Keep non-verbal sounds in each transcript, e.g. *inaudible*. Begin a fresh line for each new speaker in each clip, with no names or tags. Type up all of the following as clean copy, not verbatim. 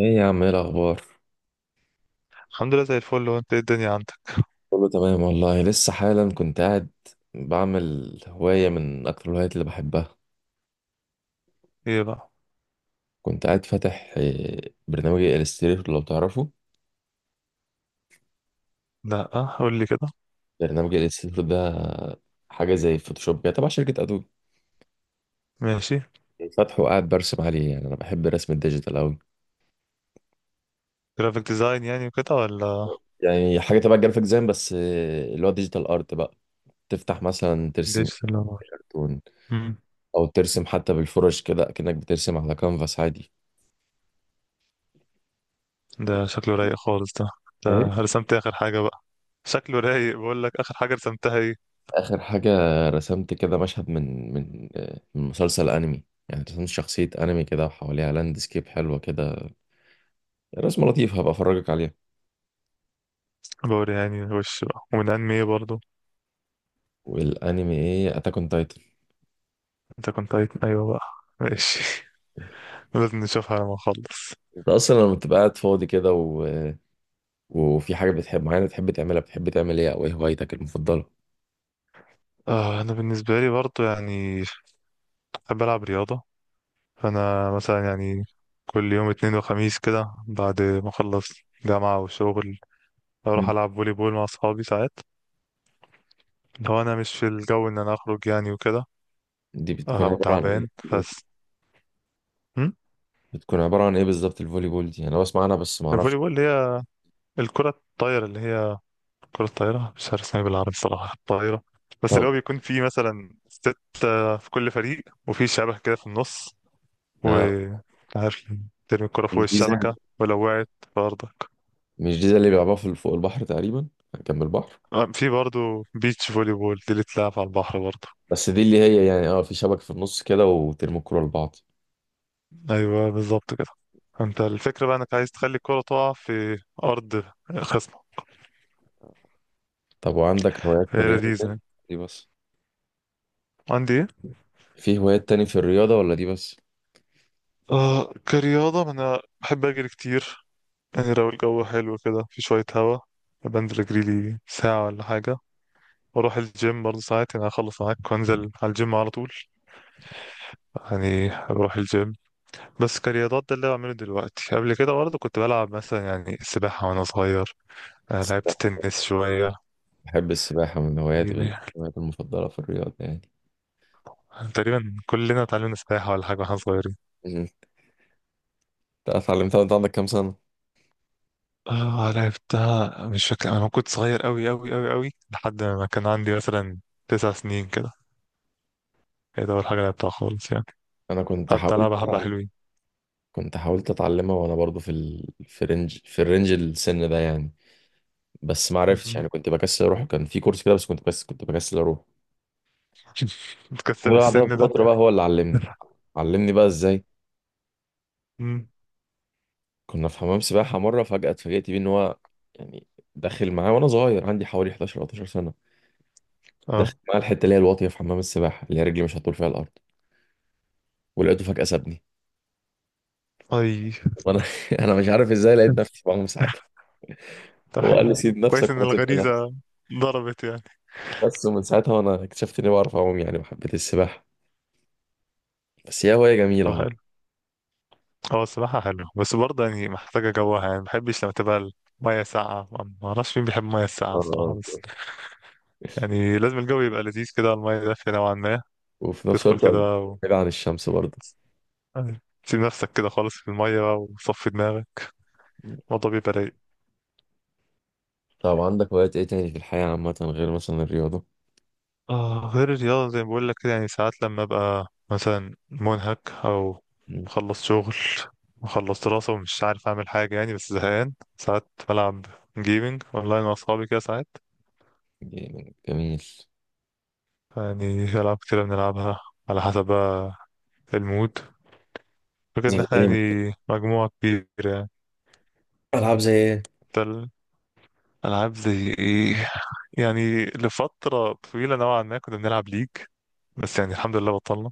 ايه يا عم، ايه الاخبار؟
الحمد لله زي الفل. هو انت ايه الدنيا عندك؟
كله تمام والله، لسه حالا كنت قاعد بعمل هواية من اكتر الهوايات اللي بحبها.
ايه بقى؟
كنت قاعد فاتح برنامج الستريتور لو تعرفه.
لا، قول لي كده.
برنامج الستريتور ده حاجة زي فوتوشوب كده، تبع شركة ادوبي.
ماشي.
فاتحه وقاعد برسم عليه، يعني انا بحب الرسم الديجيتال اوي.
جرافيك ديزاين يعني وكده ولا
يعني حاجة تبع الجرافيك ديزاين، بس اللي هو ديجيتال ارت بقى. تفتح مثلا ترسم
ديجيتال ولا؟
كرتون
امم
او ترسم حتى بالفرش كده، كأنك بترسم على كانفاس عادي.
ده شكله رايق خالص ده. ده
ايه؟
رسمت اخر حاجه بقى؟ شكله رايق، بقول لك اخر حاجه رسمتها ايه؟
آخر حاجة رسمت كده مشهد من مسلسل أنمي. يعني رسمت شخصية أنمي كده وحواليها لاندسكيب حلوة كده. رسمة لطيفة، هبقى أفرجك عليها.
بوري يعني وش بقى، ومن انمي ايه برضو؟
والأنمي أتاك أون تايتن.
ايوه بقى. ماشي *laughs* لازم نشوفها لما نخلص.
أنت أصلا لما بتبقى قاعد فاضي كده وفي حاجة بتحب معينة بتحب تعملها، بتحب تعمل إيه؟ أو إيه هوايتك المفضلة؟
انا بالنسبه لي برضو يعني بحب العب رياضه. فانا مثلا يعني كل يوم اتنين وخميس كده، بعد ما اخلص جامعة وشغل، بروح
مم.
العب فولي بول مع اصحابي ساعات، لو انا مش في الجو ان انا اخرج يعني وكده.
دي بتكون
او
عبارة عن إيه
تعبان
الفوليبول.
بس. هم؟
بتكون عبارة عن إيه بالظبط الفولي بول دي؟ أنا بسمع عنها بس معرفش.
الفولي بول اللي هي الكرة الطايرة، اللي هي كرة الطايرة، مش عارف اسمها إيه بالعربي الصراحة، الطايرة. بس اللي
طب،
هو بيكون فيه مثلا ستة في كل فريق، وفي شبكة كده في النص، و
آه.
عارف ترمي الكرة فوق
مش دي زي-
الشبكة، ولو وقعت في أرضك.
مش دي زي اللي بيلعبوها فوق البحر تقريبا، جنب البحر.
في برضه بيتش فولي بول، دي اللي بتلعب على البحر برضه.
بس دي اللي هي، يعني في شبكة في النص كده وترموا الكورة لبعض.
أيوه بالظبط كده. انت الفكرة بقى انك عايز تخلي الكرة تقع في أرض خصم.
طب وعندك هوايات في
هي
الرياضة تاني؟
لذيذة.
دي بس؟
عندي ايه؟
في هوايات تاني في الرياضة ولا دي بس؟
آه، كرياضة أنا بحب أجري كتير. يعني لو الجو حلو كده في شوية هوا، بنزل أجري لي ساعة ولا حاجة. وأروح الجيم برضه ساعات، يعني أخلص معاك وأنزل على الجيم على طول. يعني بروح الجيم. بس كرياضات ده اللي بعمله دلوقتي. قبل كده برضه كنت بلعب مثلا يعني سباحة وأنا صغير. آه، لعبت
السباحة.
تنس شوية.
بحب السباحة، من هواياتي من
يعني
هواياتي المفضلة في الرياضة يعني.
تقريبا كلنا اتعلمنا سباحة ولا حاجة واحنا صغيرين.
مم. انت اتعلمتها وانت عندك كام سنة؟
اه، لعبتها، مش فاكر، انا كنت صغير قوي قوي قوي قوي، لحد ما كان عندي مثلا 9 سنين كده. هي ده اول حاجه لعبتها خالص يعني.
انا كنت
حتى
حاولت
لعبه حبه
أتعلم.
حلوين.
كنت حاولت اتعلمها وانا برضو في ال... في رينج في الرينج السن ده يعني. بس ما عرفتش،
مم.
يعني كنت بكسل اروح. كان في كورس كده بس كنت بس كنت بكسل اروح.
*laughs* تكسب
وبعدها
السن ده.
بفترة بقى هو اللي علمني. علمني بقى ازاي.
مم.
كنا في حمام سباحة مرة، فجأة اتفاجئت بيه إن هو، يعني، داخل معاه وأنا صغير عندي حوالي 11 أو 12 سنة. داخل
اه.
معاه الحتة اللي هي الواطية في حمام السباحة، اللي هي رجلي مش هتطول فيها الأرض. ولقيته فجأة سابني،
اي.
وأنا *laughs* أنا مش عارف إزاي لقيت نفسي بعوم ساعتها.
*laughs* طب
هو قال لي
حلو.
سيب نفسك
كويس ان
وأنا سبت نفسي.
الغريزه ضربت يعني.
بس ومن ساعتها وأنا اكتشفت إني بعرف أعوم يعني، وحبيت السباحة. بس هي هواية جميلة
طب
والله.
حلو. اه الصراحه حلو، بس برضه يعني محتاجه جوها. يعني ما بحبش لما تبقى الميه ساقعه. ما اعرفش مين بيحب الميه الساقعه
آه.
الصراحه. بس يعني لازم الجو يبقى لذيذ كده، الميه دافيه نوعا ما،
وفي نفس
تدخل
الوقت
كده.
بعيد عن الشمس برضه.
أيوة. سيب نفسك كده خالص في المية بقى وصفي دماغك، الموضوع بيبقى رايق.
طب عندك هوايات إيه تاني في الحياة عامة غير مثلا الرياضة؟
آه، غير الرياضة زي ما بقول لك كده، يعني ساعات لما أبقى مثلا منهك، أو
مم.
مخلص شغل، مخلص دراسة، ومش عارف أعمل حاجة يعني، بس زهقان ساعات، بلعب جيمنج أونلاين مع أصحابي كده ساعات.
جميل.
يعني في ألعاب كتيرة بنلعبها، على حسب بقى المود. فكرة إن
زي
احنا
إيه؟
يعني مجموعة كبيرة. يعني
ألعاب زي إيه؟
ده الألعاب زي إيه. يعني لفترة طويلة نوعا ما كنا بنلعب ليج، بس يعني الحمد لله بطلنا.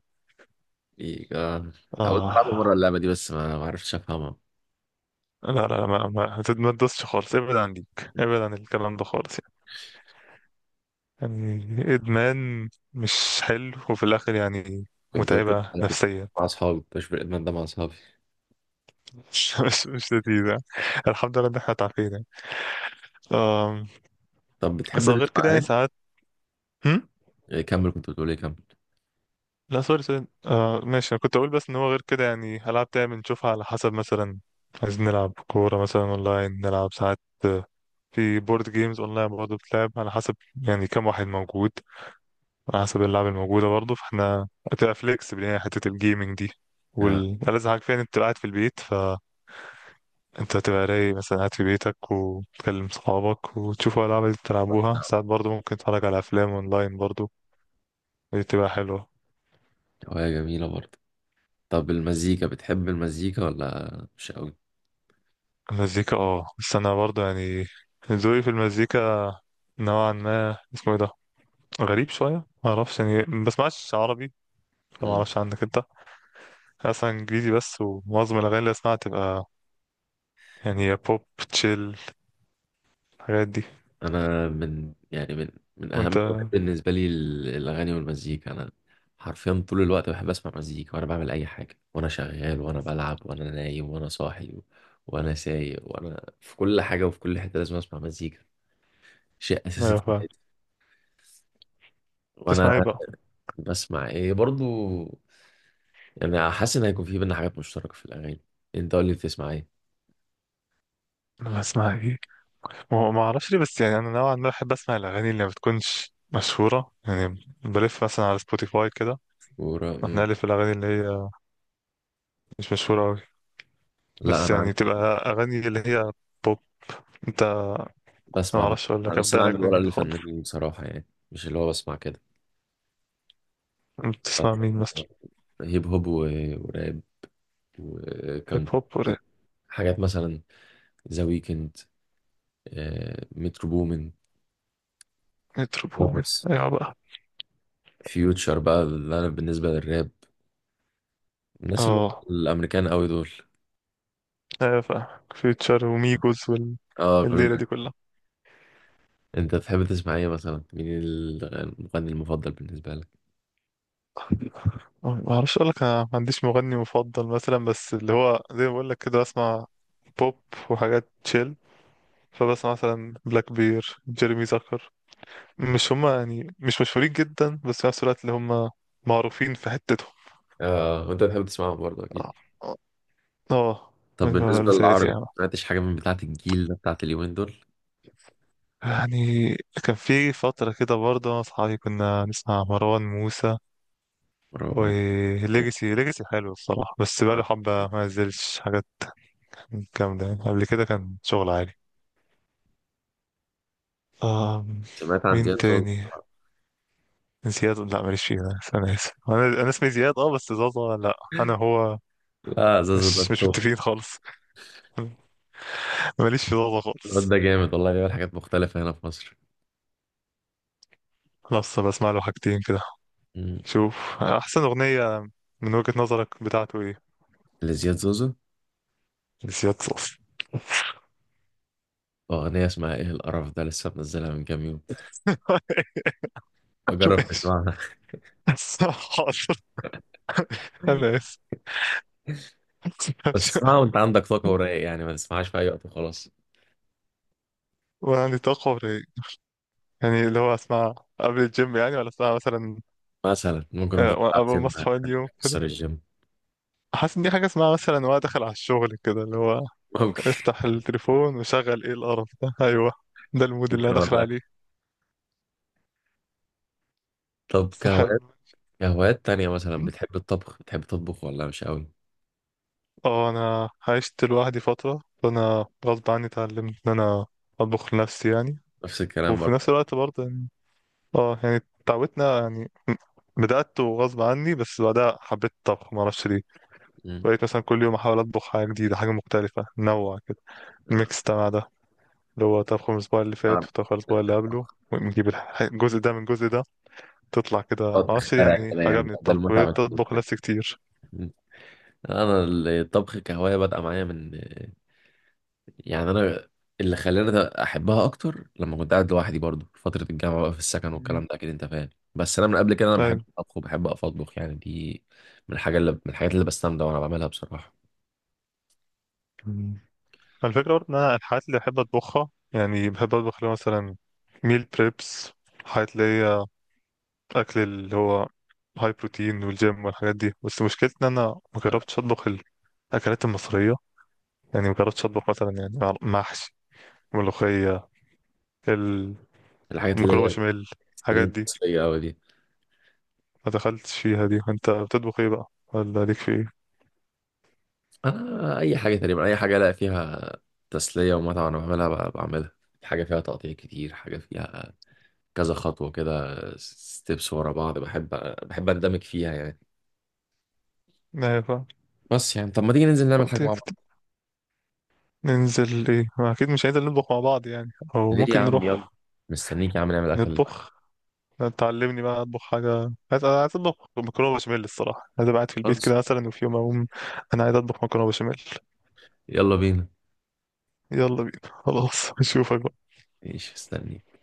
إيه، آه. حاولت ألعبها مرة،
آه،
اللعبة دي بس ما عرفتش أفهمها.
لا لا لا، ما تدوسش خالص، ابعد عن ديك، ابعد عن الكلام ده خالص يعني. يعني إدمان مش حلو، وفي الآخر يعني
كنت بشوف،
متعبة
أنا كنت
نفسيا.
مع أصحابي كنت بشوف الإدمان ده مع أصحابي.
*laughs* مش لذيذة يعني. الحمد لله إن احنا تعافينا يعني. آم،
طب بتحب
بس غير
تسمع
كده يعني
أغاني؟
ساعات. هم؟
*laughs* كمل، كنت بتقول إيه، كمل.
لا سوري سوري، آه ماشي. أنا كنت أقول بس إن هو غير كده يعني ألعاب تاني بنشوفها على حسب. مثلا عايزين نلعب كورة مثلا أونلاين، نلعب ساعات. آه، في بورد جيمز أونلاين برضه، بتلعب على حسب يعني كم واحد موجود، على حسب اللعبة الموجودة برضه. فاحنا هتبقى فليكسبل يعني حتة الجيمنج دي.
آه.
والألذ حاجة فيها إن أنت تبقى قاعد في البيت، فأنت هتبقى رايق، مثلا قاعد في بيتك وتكلم صحابك وتشوفوا ألعاب اللي بتلعبوها. ساعات برضه ممكن تتفرج على أفلام أونلاين برضه، دي بتبقى حلوة.
هواية جميلة برضه. طب المزيكا، بتحب المزيكا ولا مش قوي؟
المزيكا، اه، بس أنا برضه يعني ذوقي في المزيكا نوعا ما، اسمه ايه ده، غريب شوية. معرفش يعني، ما بسمعش عربي،
مم.
فمعرفش عنك انت. أنا أصلا إنجليزي بس، ومعظم الأغاني اللي أسمعها تبقى يعني يا بوب، تشيل، الحاجات دي.
أنا من، يعني، من أهم
وانت؟
الهوايات بالنسبة لي الأغاني والمزيكا. أنا حرفيا طول الوقت بحب أسمع مزيكا، وأنا بعمل أي حاجة، وأنا شغال، وأنا بلعب، وأنا نايم، وأنا صاحي، وأنا سايق، وأنا في كل حاجة، وفي كل حتة لازم أسمع مزيكا. شيء اساسي
ايوه فاهم.
وانا
تسمع ايه بقى؟
بسمع ايه برضو. يعني حاسس ان هيكون في بينا حاجات مشتركه في الاغاني. انت قول لي بتسمع ايه.
انا بسمع ايه؟ ما اعرفش ليه، بس يعني انا نوعا ما بحب اسمع الاغاني اللي ما بتكونش مشهوره. يعني بلف مثلا على سبوتيفاي كده،
ورا. مم.
بنقلب في الاغاني اللي هي مش مشهوره قوي.
لا،
بس يعني تبقى اغاني اللي هي بوب. انت، ما
بسمع
اعرفش اقول لك
بس انا
ابدا لك
عندي ورقه
منين خالص.
للفنانين بصراحه، يعني مش اللي هو بسمع كده.
انت بتسمع مين
بس
مثلا؟
هيب هوب وراب.
هيب
وكان
هوب ولا؟
حاجات مثلا، ذا ويكند، مترو بومن،
متروبول،
بس
ايوه بقى.
فيوتشر بقى، اللي انا بالنسبه للراب، الناس اللي
اه،
هم الامريكان قوي دول.
ايوه فاهم، فيوتشر وميجوز وال...
اه،
الليله
كلنا.
دي كلها.
انت تحب تسمع ايه مثلا؟ مين المغني المفضل بالنسبه لك؟
آه، ما اعرفش اقول لك، انا ما عنديش مغني مفضل مثلا، بس اللي هو زي ما بقول لك كده بسمع بوب وحاجات تشيل. فبسمع مثلا بلاك بير، جيرمي زكر. مش هما يعني مش مشهورين جدا، بس في نفس الوقت اللي هما معروفين في حتتهم.
اه، وانت بتحب تسمعهم برضه اكيد.
اه. اه. آه،
طب
أيوة،
بالنسبه
لساتي
للعربي،
يعني.
ما سمعتش حاجه من بتاعه الجيل ده، بتاعه اليومين دول.
يعني كان في فترة كده برضه أنا وأصحابي كنا نسمع مروان موسى
ورغم-
وليجاسي. ليجاسي حلو الصراحة، بس بقاله حبة ما نزلش حاجات جامدة يعني، قبل كده كان شغل عادي. آه.
سمعت عن
مين
زياد زوزو.
تاني؟ زياد، لا ماليش فيه، بس انا اسف، انا اسمي زياد، اه، بس زازا لا انا هو.
لا، زوزو ده
مش
التوب.
متفقين خالص *laughs* ماليش في زازا
الواد
خالص.
ده جامد والله، بيعمل حاجات مختلفه هنا في مصر.
خلاص، بسمع له حاجتين كده.
مم.
شوف، احسن اغنية من وجهة نظرك بتاعته ايه؟
لزياد زوزو،
زياد صوص.
اغنيه اسمها ايه القرف ده، لسه منزلها من كام يوم.
*laughs* ماشي،
بجرب تسمعها.
حاضر، انا اسف.
*laughs* بس اسمعها
*laughs*
وانت عندك طاقه ورايق، يعني ما تسمعهاش في اي وقت وخلاص.
وانا عندي طاقة ولا إيه؟ يعني اللي هو اسمع قبل الجيم، يعني ولا اسمع مثلا؟
مثلا ممكن وانت
آه،
بتلعب
اول ما
جيم
اصحى
يعني
يوم،
تكسر الجيم.
حاسس ان دي حاجه اسمها مثلا وانا داخل على الشغل كده، اللي هو
ممكن.
افتح التليفون وشغل ايه القرف ده *laughs* ايوه، ده
*laughs*
المود اللي انا
ممكن
داخل عليه.
والله. طب
بس
كهوايات،
حلو.
تانية مثلا،
م؟
بتحب الطبخ، بتحب تطبخ ولا مش قوي؟
اه، انا عشت لوحدي فتره، فانا غصب عني اتعلمت ان انا اطبخ لنفسي يعني.
نفس الكلام
وفي نفس
برضه.
الوقت برضه يعني، اه يعني اتعودنا يعني. بدأت وغصب عني، بس بعدها حبيت الطبخ معرفش ليه.
مم.
بقيت مثلا كل يوم احاول اطبخ حاجه جديده، حاجه مختلفه، نوع كده ميكس ده، اللي هو تضخم الأسبوع اللي
أنا
فات وتضخم الأسبوع اللي قبله، ونجيب الجزء ده من الجزء ده، تطلع كده
بقعد
عشر.
أخترع
يعني
كده، يعني ده
عجبني
ده
الطبخ،
المتعة بالنسبة
بتطبخ
لي.
نفسي كتير.
انا الطبخ كهواية بدأ معايا من، يعني، انا اللي خلاني ده احبها اكتر لما كنت قاعد لوحدي برضه في فترة الجامعة بقى، في السكن
مم.
والكلام ده اكيد انت فاهم. بس انا من قبل كده انا بحب
أيوة.
الطبخ، وبحب اقف اطبخ يعني. دي من الحاجات اللي بستمتع وانا بعملها بصراحة.
مم. الفكرة برضه إن أنا الحاجات اللي بحب أطبخها، يعني بحب أطبخ اللي هو مثلا ميل بريبس، حاجات اللي هي أكل اللي هو هاي بروتين والجيم والحاجات دي. بس مشكلتي إن أنا مجربتش أطبخ الأكلات المصرية، يعني مجربتش أطبخ مثلا، يعني محشي، ملوخية،
الحاجات اللي
المكرونة
هي
بشاميل، الحاجات
ستريم
دي،
مصرية قوي دي.
ما دخلتش فيها دي. انت بتطبخ ايه بقى ولا ليك في ايه؟
انا اي حاجه تقريبا، اي حاجه الاقي فيها تسليه ومتعه وانا بعملها، بعملها حاجه فيها تقطيع كتير، حاجه فيها كذا خطوه كده، ستيبس ورا بعض، بحب اندمج فيها يعني.
ايوه فاهم.
بس يعني طب، ما تيجي ننزل نعمل
طب
حاجه
تيجي
مع بعض؟
ننزل ايه؟ ما اكيد مش هننزل نطبخ مع بعض يعني، او
ليه يا
ممكن
عم، يلا.
نروح
مستنيك يا عم، نعمل اكل دلوقتي.
نطبخ. تعلمني بقى اطبخ حاجه. عايز، عايز اطبخ مكرونه بشاميل الصراحه. عايز أبقى قاعد في البيت
خلاص.
كده مثلا، وفي يوم اقوم انا عايز اطبخ مكرونه بشاميل.
يلا بينا.
يلا بينا. خلاص *laughs* اشوفك بقى.
ماشي، مستنيك.